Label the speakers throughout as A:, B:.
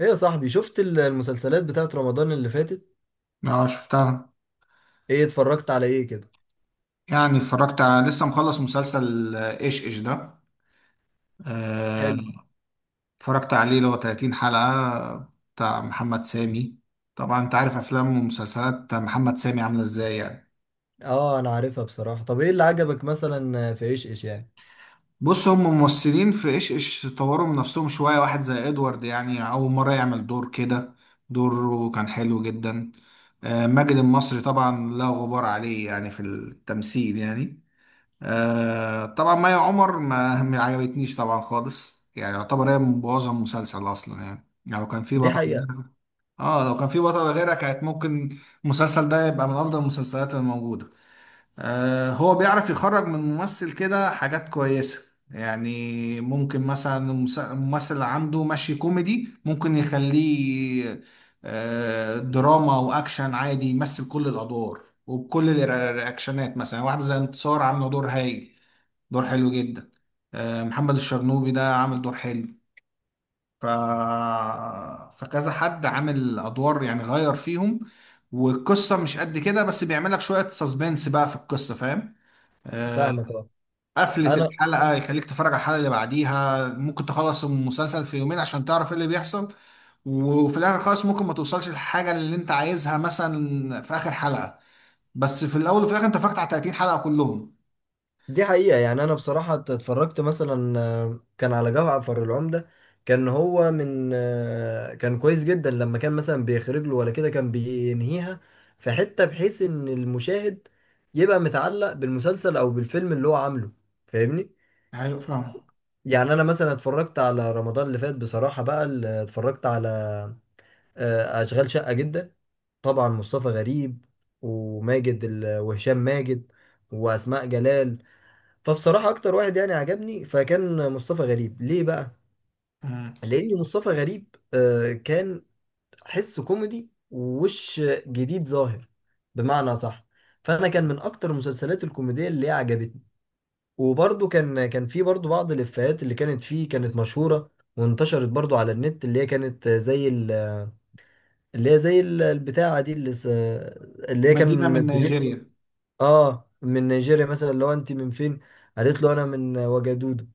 A: ايه يا صاحبي، شفت المسلسلات بتاعت رمضان اللي فاتت؟
B: اه، شفتها.
A: ايه اتفرجت على ايه كده؟
B: يعني اتفرجت على لسه مخلص مسلسل ايش ايش ده. آه،
A: حلو.
B: اتفرجت عليه اللي هو 30 حلقة، بتاع محمد سامي. طبعا انت عارف افلام ومسلسلات محمد سامي عاملة ازاي يعني.
A: اه، انا عارفها بصراحة. طب ايه اللي عجبك مثلا في ايش ايش يعني؟
B: بص، هم ممثلين في ايش ايش طوروا من نفسهم شوية. واحد زي ادوارد يعني اول مرة يعمل دور كده، دوره كان حلو جدا. ماجد المصري طبعا لا غبار عليه يعني في التمثيل يعني. طبعا مي عمر ما عجبتنيش طبعا خالص، يعني يعتبر هي مبوظه المسلسل اصلا. يعني لو كان في
A: دي
B: بطل
A: حقيقة.
B: غيرها، اه لو كان في بطل غيرها كانت ممكن المسلسل ده يبقى من افضل المسلسلات الموجوده. هو بيعرف يخرج من ممثل كده حاجات كويسه، يعني ممكن مثلا الممثل اللي عنده ماشي كوميدي ممكن يخليه دراما واكشن، عادي يمثل كل الادوار وبكل الرياكشنات. مثلا واحد زي انتصار عامله دور هايل، دور حلو جدا. محمد الشرنوبي ده عامل دور حلو. ف... فكذا حد عامل ادوار يعني غير فيهم. والقصه مش قد كده، بس بيعمل لك شويه سسبنس بقى في القصه، فاهم؟ آه،
A: فاهمك، اه.
B: قفله
A: انا
B: الحلقه يخليك تتفرج على الحلقه اللي بعديها، ممكن تخلص المسلسل في يومين عشان تعرف ايه اللي بيحصل. وفي الاخر خالص ممكن ما توصلش للحاجه اللي انت عايزها مثلا في اخر حلقه، بس في الاول وفي الاخر انت فاكت على 30 حلقه كلهم.
A: دي حقيقة، يعني انا بصراحة اتفرجت مثلا كان على جعفر العمدة. كان هو من آه، كان كويس جدا، لما كان مثلا بيخرج له ولا كده كان بينهيها في حتة بحيث ان المشاهد يبقى متعلق بالمسلسل او بالفيلم اللي هو عامله. فاهمني؟
B: ايوه، فاهم.
A: يعني انا مثلا اتفرجت على رمضان اللي فات بصراحة بقى، اللي اتفرجت على اشغال شقة جدا. طبعا مصطفى غريب، وماجد وهشام ماجد، واسماء جلال. فبصراحة اكتر واحد يعني عجبني فكان مصطفى غريب، ليه بقى؟
B: مم.
A: لان مصطفى غريب كان حس كوميدي ووش جديد ظاهر بمعنى صح. فانا كان من اكتر المسلسلات الكوميدية اللي عجبتني، وبرضو كان في برضو بعض الإفيهات اللي كانت فيه كانت مشهورة، وانتشرت برضو على النت، اللي هي كانت زي ال- اللي هي زي ال- البتاعة دي، اللي هي كانوا
B: مدينه من
A: منزلين.
B: نيجيريا.
A: اه، من نيجيريا مثلا لو انت من فين، قالت له انا من وجدودو،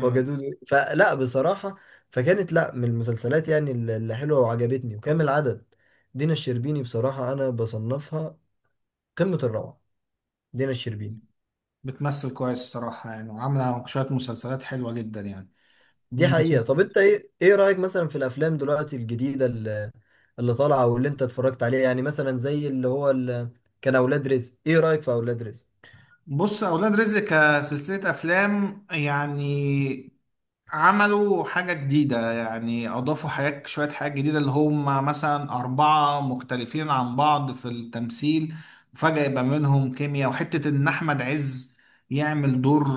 A: وجدودو. فلا بصراحة، فكانت لا من المسلسلات يعني اللي حلوة وعجبتني وكامل العدد. دينا الشربيني بصراحة انا بصنفها قمة الروعة، دينا الشربيني.
B: بتمثل كويس الصراحة، يعني وعاملة شوية مسلسلات حلوة جدا يعني.
A: دي حقيقة. طب
B: ومسلسل.
A: انت ايه رأيك مثلا في الافلام دلوقتي الجديدة اللي طالعه واللي انت اتفرجت عليها، يعني مثلا زي اللي هو اللي كان اولاد رزق، ايه رايك في اولاد رزق؟
B: بص، أولاد رزق كسلسلة أفلام يعني عملوا حاجة جديدة، يعني أضافوا حاجات، شوية حاجات جديدة. اللي هم مثلا أربعة مختلفين عن بعض في التمثيل، وفجأة يبقى منهم كيمياء. وحتة إن أحمد عز يعمل دور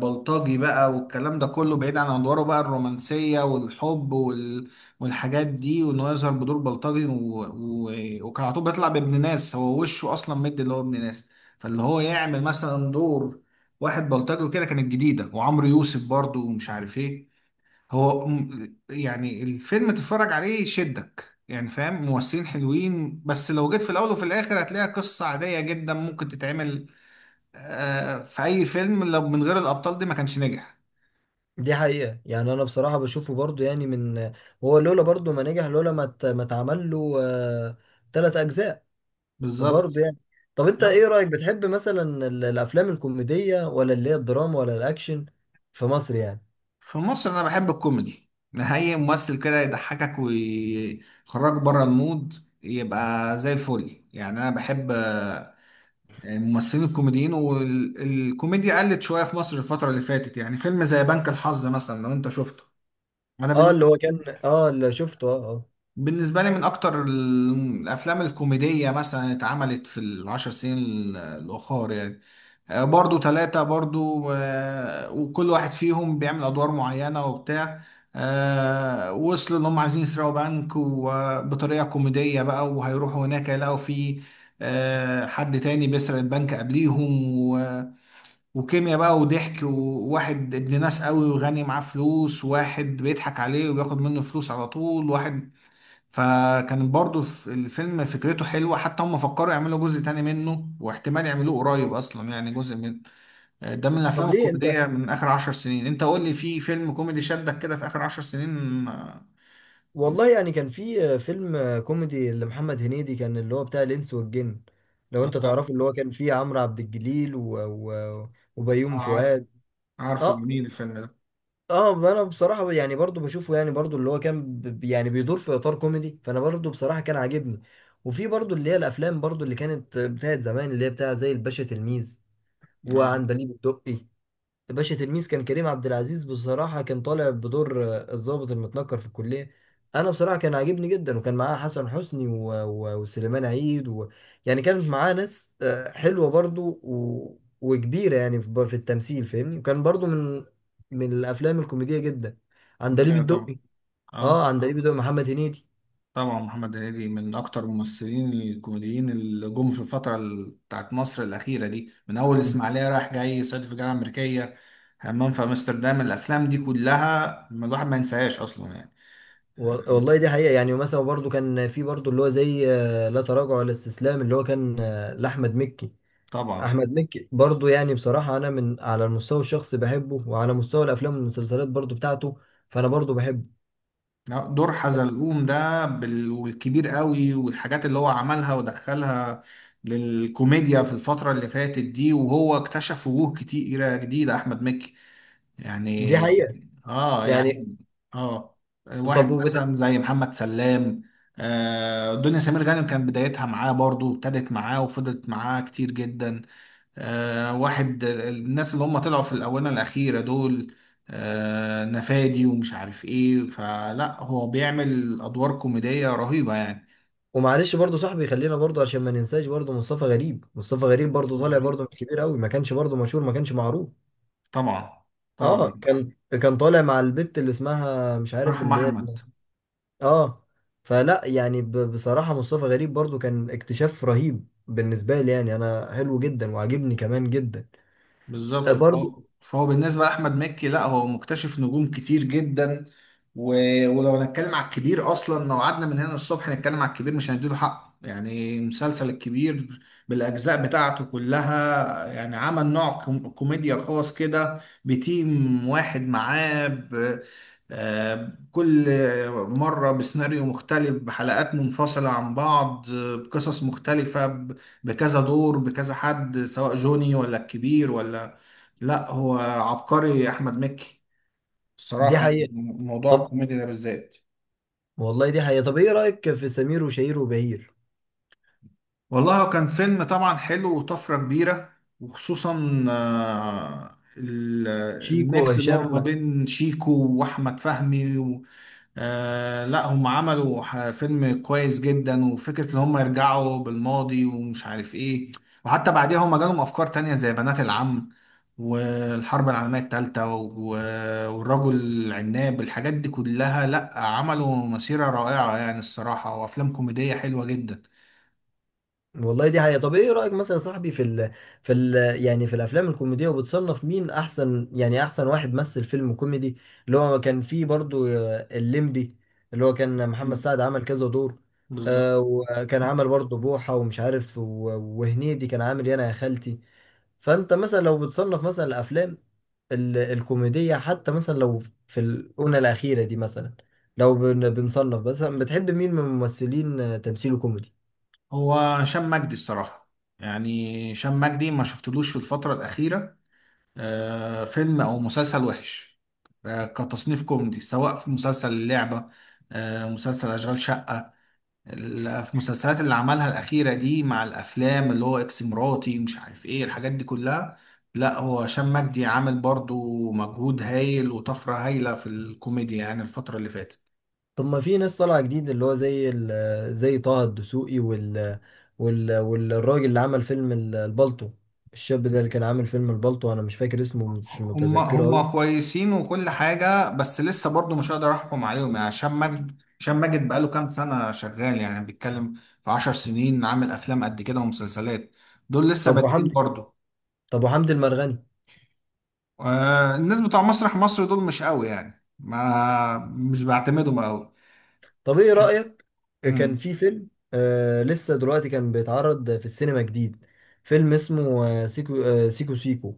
B: بلطجي بقى، والكلام ده كله بعيد عن أدواره بقى الرومانسية والحب والحاجات دي، وإنه يظهر بدور بلطجي و... وكان على طول بيطلع بابن ناس، هو وشه أصلا مد اللي هو ابن ناس. فاللي هو يعمل مثلا دور واحد بلطجي كده كانت جديدة. وعمرو يوسف برضو، ومش عارف ايه. يعني الفيلم تتفرج عليه يشدك يعني، فاهم؟ ممثلين حلوين، بس لو جيت في الأول وفي الآخر هتلاقيها قصة عادية جدا، ممكن تتعمل في أي فيلم. لو من غير الأبطال دي ما كانش نجح.
A: دي حقيقه، يعني انا بصراحه بشوفه برضو، يعني من، هو لولا برضو ما نجح، لولا ما اتعمل له تلات اجزاء
B: بالظبط.
A: برضو يعني. طب انت
B: آه.
A: ايه رايك، بتحب مثلا الافلام الكوميديه ولا اللي هي الدراما ولا الاكشن في مصر يعني؟
B: في مصر أنا بحب الكوميدي. أي ممثل كده يضحكك ويخرجك بره المود يبقى زي الفل. يعني أنا بحب ممثلين الكوميديين. والكوميديا قلت شوية في مصر الفترة اللي فاتت. يعني فيلم زي بنك الحظ مثلا، لو انت شفته. انا
A: اه،
B: بن-
A: اللي هو كان، اه اللي شفته، اه، اه.
B: بالنسبة لي من اكتر الافلام الكوميدية مثلا اتعملت في العشر سنين الاخر يعني. برضو ثلاثة برضو، وكل واحد فيهم بيعمل ادوار معينة وبتاع. وصلوا ان هم عايزين يسرقوا بنك وبطريقة كوميدية بقى، وهيروحوا هناك يلاقوا فيه حد تاني بيسرق البنك قبليهم. وكيمياء بقى وضحك، وواحد ابن ناس قوي وغني معاه فلوس، واحد بيضحك عليه وبياخد منه فلوس على طول، واحد. فكان برضو في الفيلم فكرته حلوة، حتى هم فكروا يعملوا جزء تاني منه، واحتمال يعملوه قريب. أصلا يعني جزء من ده من
A: طب
B: الأفلام
A: ليه انت،
B: الكوميدية من آخر 10 سنين. أنت قول لي في فيلم كوميدي شدك كده في آخر 10 سنين.
A: والله يعني كان في فيلم كوميدي لمحمد هنيدي كان اللي هو بتاع الإنس والجن، لو انت
B: آه،
A: تعرفه، اللي هو كان فيه عمرو عبد الجليل وبيومي
B: عارف.
A: فؤاد.
B: عارفه
A: اه،
B: جميل الفيلم ده.
A: اه، انا بصراحة يعني برضو بشوفه، يعني برضو اللي هو كان يعني بيدور في اطار كوميدي، فانا برضو بصراحة كان عاجبني. وفي برضو اللي هي الافلام برضو اللي كانت بتاعت زمان، اللي هي بتاع زي الباشا تلميذ
B: اه.
A: وعندليب الدقي. باشا تلميذ كان كريم عبد العزيز بصراحة كان طالع بدور الضابط المتنكر في الكلية. أنا بصراحة كان عاجبني جدا، وكان معاه حسن حسني وسليمان عيد يعني كانت معاه ناس حلوة برضو، وكبيرة يعني في التمثيل، فاهمني؟ وكان برضو من الأفلام الكوميدية جدا، عندليب
B: ايوه طبعا.
A: الدقي.
B: اه.
A: اه، عندليب الدقي محمد هنيدي
B: طبعا محمد هنيدي من اكتر الممثلين الكوميديين اللي جم في الفتره بتاعت مصر الاخيره دي، من اول اسماعيليه رايح جاي، صعيدي في الجامعه الامريكيه، همام في امستردام. الافلام دي كلها ما الواحد ما ينساهاش اصلا يعني.
A: و... والله دي حقيقة، يعني ومثلا برضو كان في برضو اللي هو زي لا تراجع ولا استسلام، اللي هو كان لأحمد مكي.
B: طبعا.
A: احمد مكي برضو، يعني بصراحه انا من على المستوى الشخصي بحبه، وعلى مستوى الافلام والمسلسلات برضو بتاعته، فانا برضو بحبه.
B: لا، دور حزلقوم ده والكبير قوي، والحاجات اللي هو عملها ودخلها للكوميديا في الفتره اللي فاتت دي. وهو اكتشف وجوه كتيره جديده احمد مكي
A: دي
B: يعني.
A: حقيقه
B: اه،
A: يعني.
B: يعني. اه.
A: طب
B: واحد مثلا زي محمد سلام. دنيا سمير غانم كان بدايتها معاه برضو، ابتدت معاه وفضلت معاه كتير جدا. واحد الناس اللي هم طلعوا في الآونة الأخيرة دول نفادي ومش عارف ايه. فلا، هو بيعمل أدوار كوميدية رهيبة يعني.
A: ومعلش برضو صاحبي، خلينا برضو عشان ما ننساش برضو مصطفى غريب، مصطفى غريب برضو
B: شيء
A: طالع
B: غريب.
A: برضو مش كبير قوي، ما كانش برضو مشهور، ما كانش معروف.
B: طبعا.
A: اه،
B: طبعا.
A: كان طالع مع البت اللي اسمها مش عارف
B: رحمة
A: اللي هي،
B: أحمد.
A: اه. فلا يعني بصراحه مصطفى غريب برضو كان اكتشاف رهيب بالنسبه لي، يعني انا حلو جدا وعاجبني كمان جدا.
B: بالظبط.
A: برضو
B: فهو بالنسبة لأحمد مكي، لا هو مكتشف نجوم كتير جدا. و... ولو هنتكلم على الكبير أصلا، لو قعدنا من هنا الصبح نتكلم على الكبير مش هنديله حقه. يعني مسلسل الكبير بالأجزاء بتاعته كلها، يعني عمل نوع كوميديا خاص كده بتيم واحد معاه كل مرة بسيناريو مختلف، بحلقات منفصلة عن بعض، بقصص مختلفة، بكذا دور، بكذا حد، سواء جوني ولا الكبير ولا. لا هو عبقري احمد مكي
A: دي
B: الصراحه يعني،
A: حقيقه.
B: موضوع
A: طب
B: الكوميديا ده بالذات.
A: والله دي حقيقة، طب ايه رأيك في سمير وشهير وبهير،
B: والله هو كان فيلم طبعا حلو وطفره كبيره، وخصوصا
A: شيكو
B: الميكس اللي هو ما
A: وهشام؟
B: بين شيكو واحمد فهمي. لا هم عملوا فيلم كويس جدا، وفكرة ان هم يرجعوا بالماضي ومش عارف ايه. وحتى بعديها هم جالهم افكار تانية زي بنات العم، والحرب العالمية التالتة والرجل العناب. الحاجات دي كلها لا، عملوا مسيرة رائعة يعني الصراحة، وافلام كوميدية حلوة جدا.
A: والله دي حقيقة. طب ايه رأيك مثلا يا صاحبي في ال في ال يعني في الافلام الكوميدية، وبتصنف مين احسن، يعني احسن واحد مثل فيلم كوميدي؟ اللي هو كان فيه برضو الليمبي، اللي هو كان محمد
B: مم.
A: سعد عمل كذا دور،
B: بالظب-
A: وكان عمل برضو بوحة ومش عارف وهنيدي كان عامل يانا يا خالتي. فانت مثلا لو بتصنف مثلا الافلام الكوميدية، حتى مثلا لو في الأونة الأخيرة دي، مثلا لو بنصنف، مثلا بتحب مين من الممثلين تمثيله كوميدي؟
B: هو هشام مجدي الصراحة. يعني هشام مجدي ما شفتلوش في الفترة الأخيرة فيلم او مسلسل وحش كتصنيف كوميدي، سواء في مسلسل اللعبة، مسلسل أشغال شقة، في المسلسلات اللي عملها الأخيرة دي، مع الأفلام اللي هو إكس مراتي مش عارف إيه، الحاجات دي كلها. لا هو هشام مجدي عامل برضو مجهود هايل وطفرة هايلة في الكوميديا يعني الفترة اللي فاتت.
A: طب ما في ناس طالعة جديد، اللي هو زي زي طه الدسوقي، والراجل اللي عمل فيلم البلطو، الشاب ده اللي كان عامل فيلم البلطو، أنا مش فاكر اسمه، مش
B: هم
A: متذكره
B: هم
A: أوي.
B: كويسين وكل حاجة، بس لسه برضو مش هقدر أحكم عليهم. يعني هشام ماجد هشام ماجد بقاله كام سنة شغال، يعني بيتكلم في 10 سنين عامل أفلام قد كده ومسلسلات. دول لسه
A: طب
B: بادئين
A: وحمدي،
B: برضو.
A: طب وحمدي المرغني؟
B: الناس بتوع مسرح مصر دول مش قوي يعني، ما مش بعتمدهم قوي.
A: طب إيه رأيك، كان
B: أمم،
A: في فيلم لسه دلوقتي كان بيتعرض في السينما جديد، فيلم اسمه سيكو، سيكو سيكو،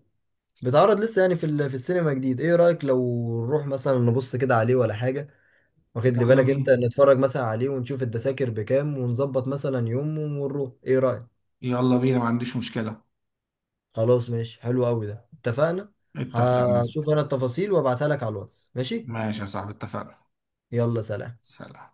A: بيتعرض لسه يعني في السينما جديد. ايه رأيك لو نروح مثلا نبص كده عليه ولا حاجة؟ واخد لي
B: يلا
A: بالك انت،
B: بينا.
A: نتفرج مثلا عليه ونشوف التذاكر بكام، ونظبط مثلا يوم ونروح، ايه رأيك؟
B: يلا بينا، ما عنديش مشكلة.
A: خلاص، ماشي، حلو قوي ده، اتفقنا.
B: اتفقنا.
A: هشوف انا التفاصيل وابعتها لك على الواتس، ماشي؟
B: ماشي يا صاحبي، اتفقنا.
A: يلا سلام.
B: سلام.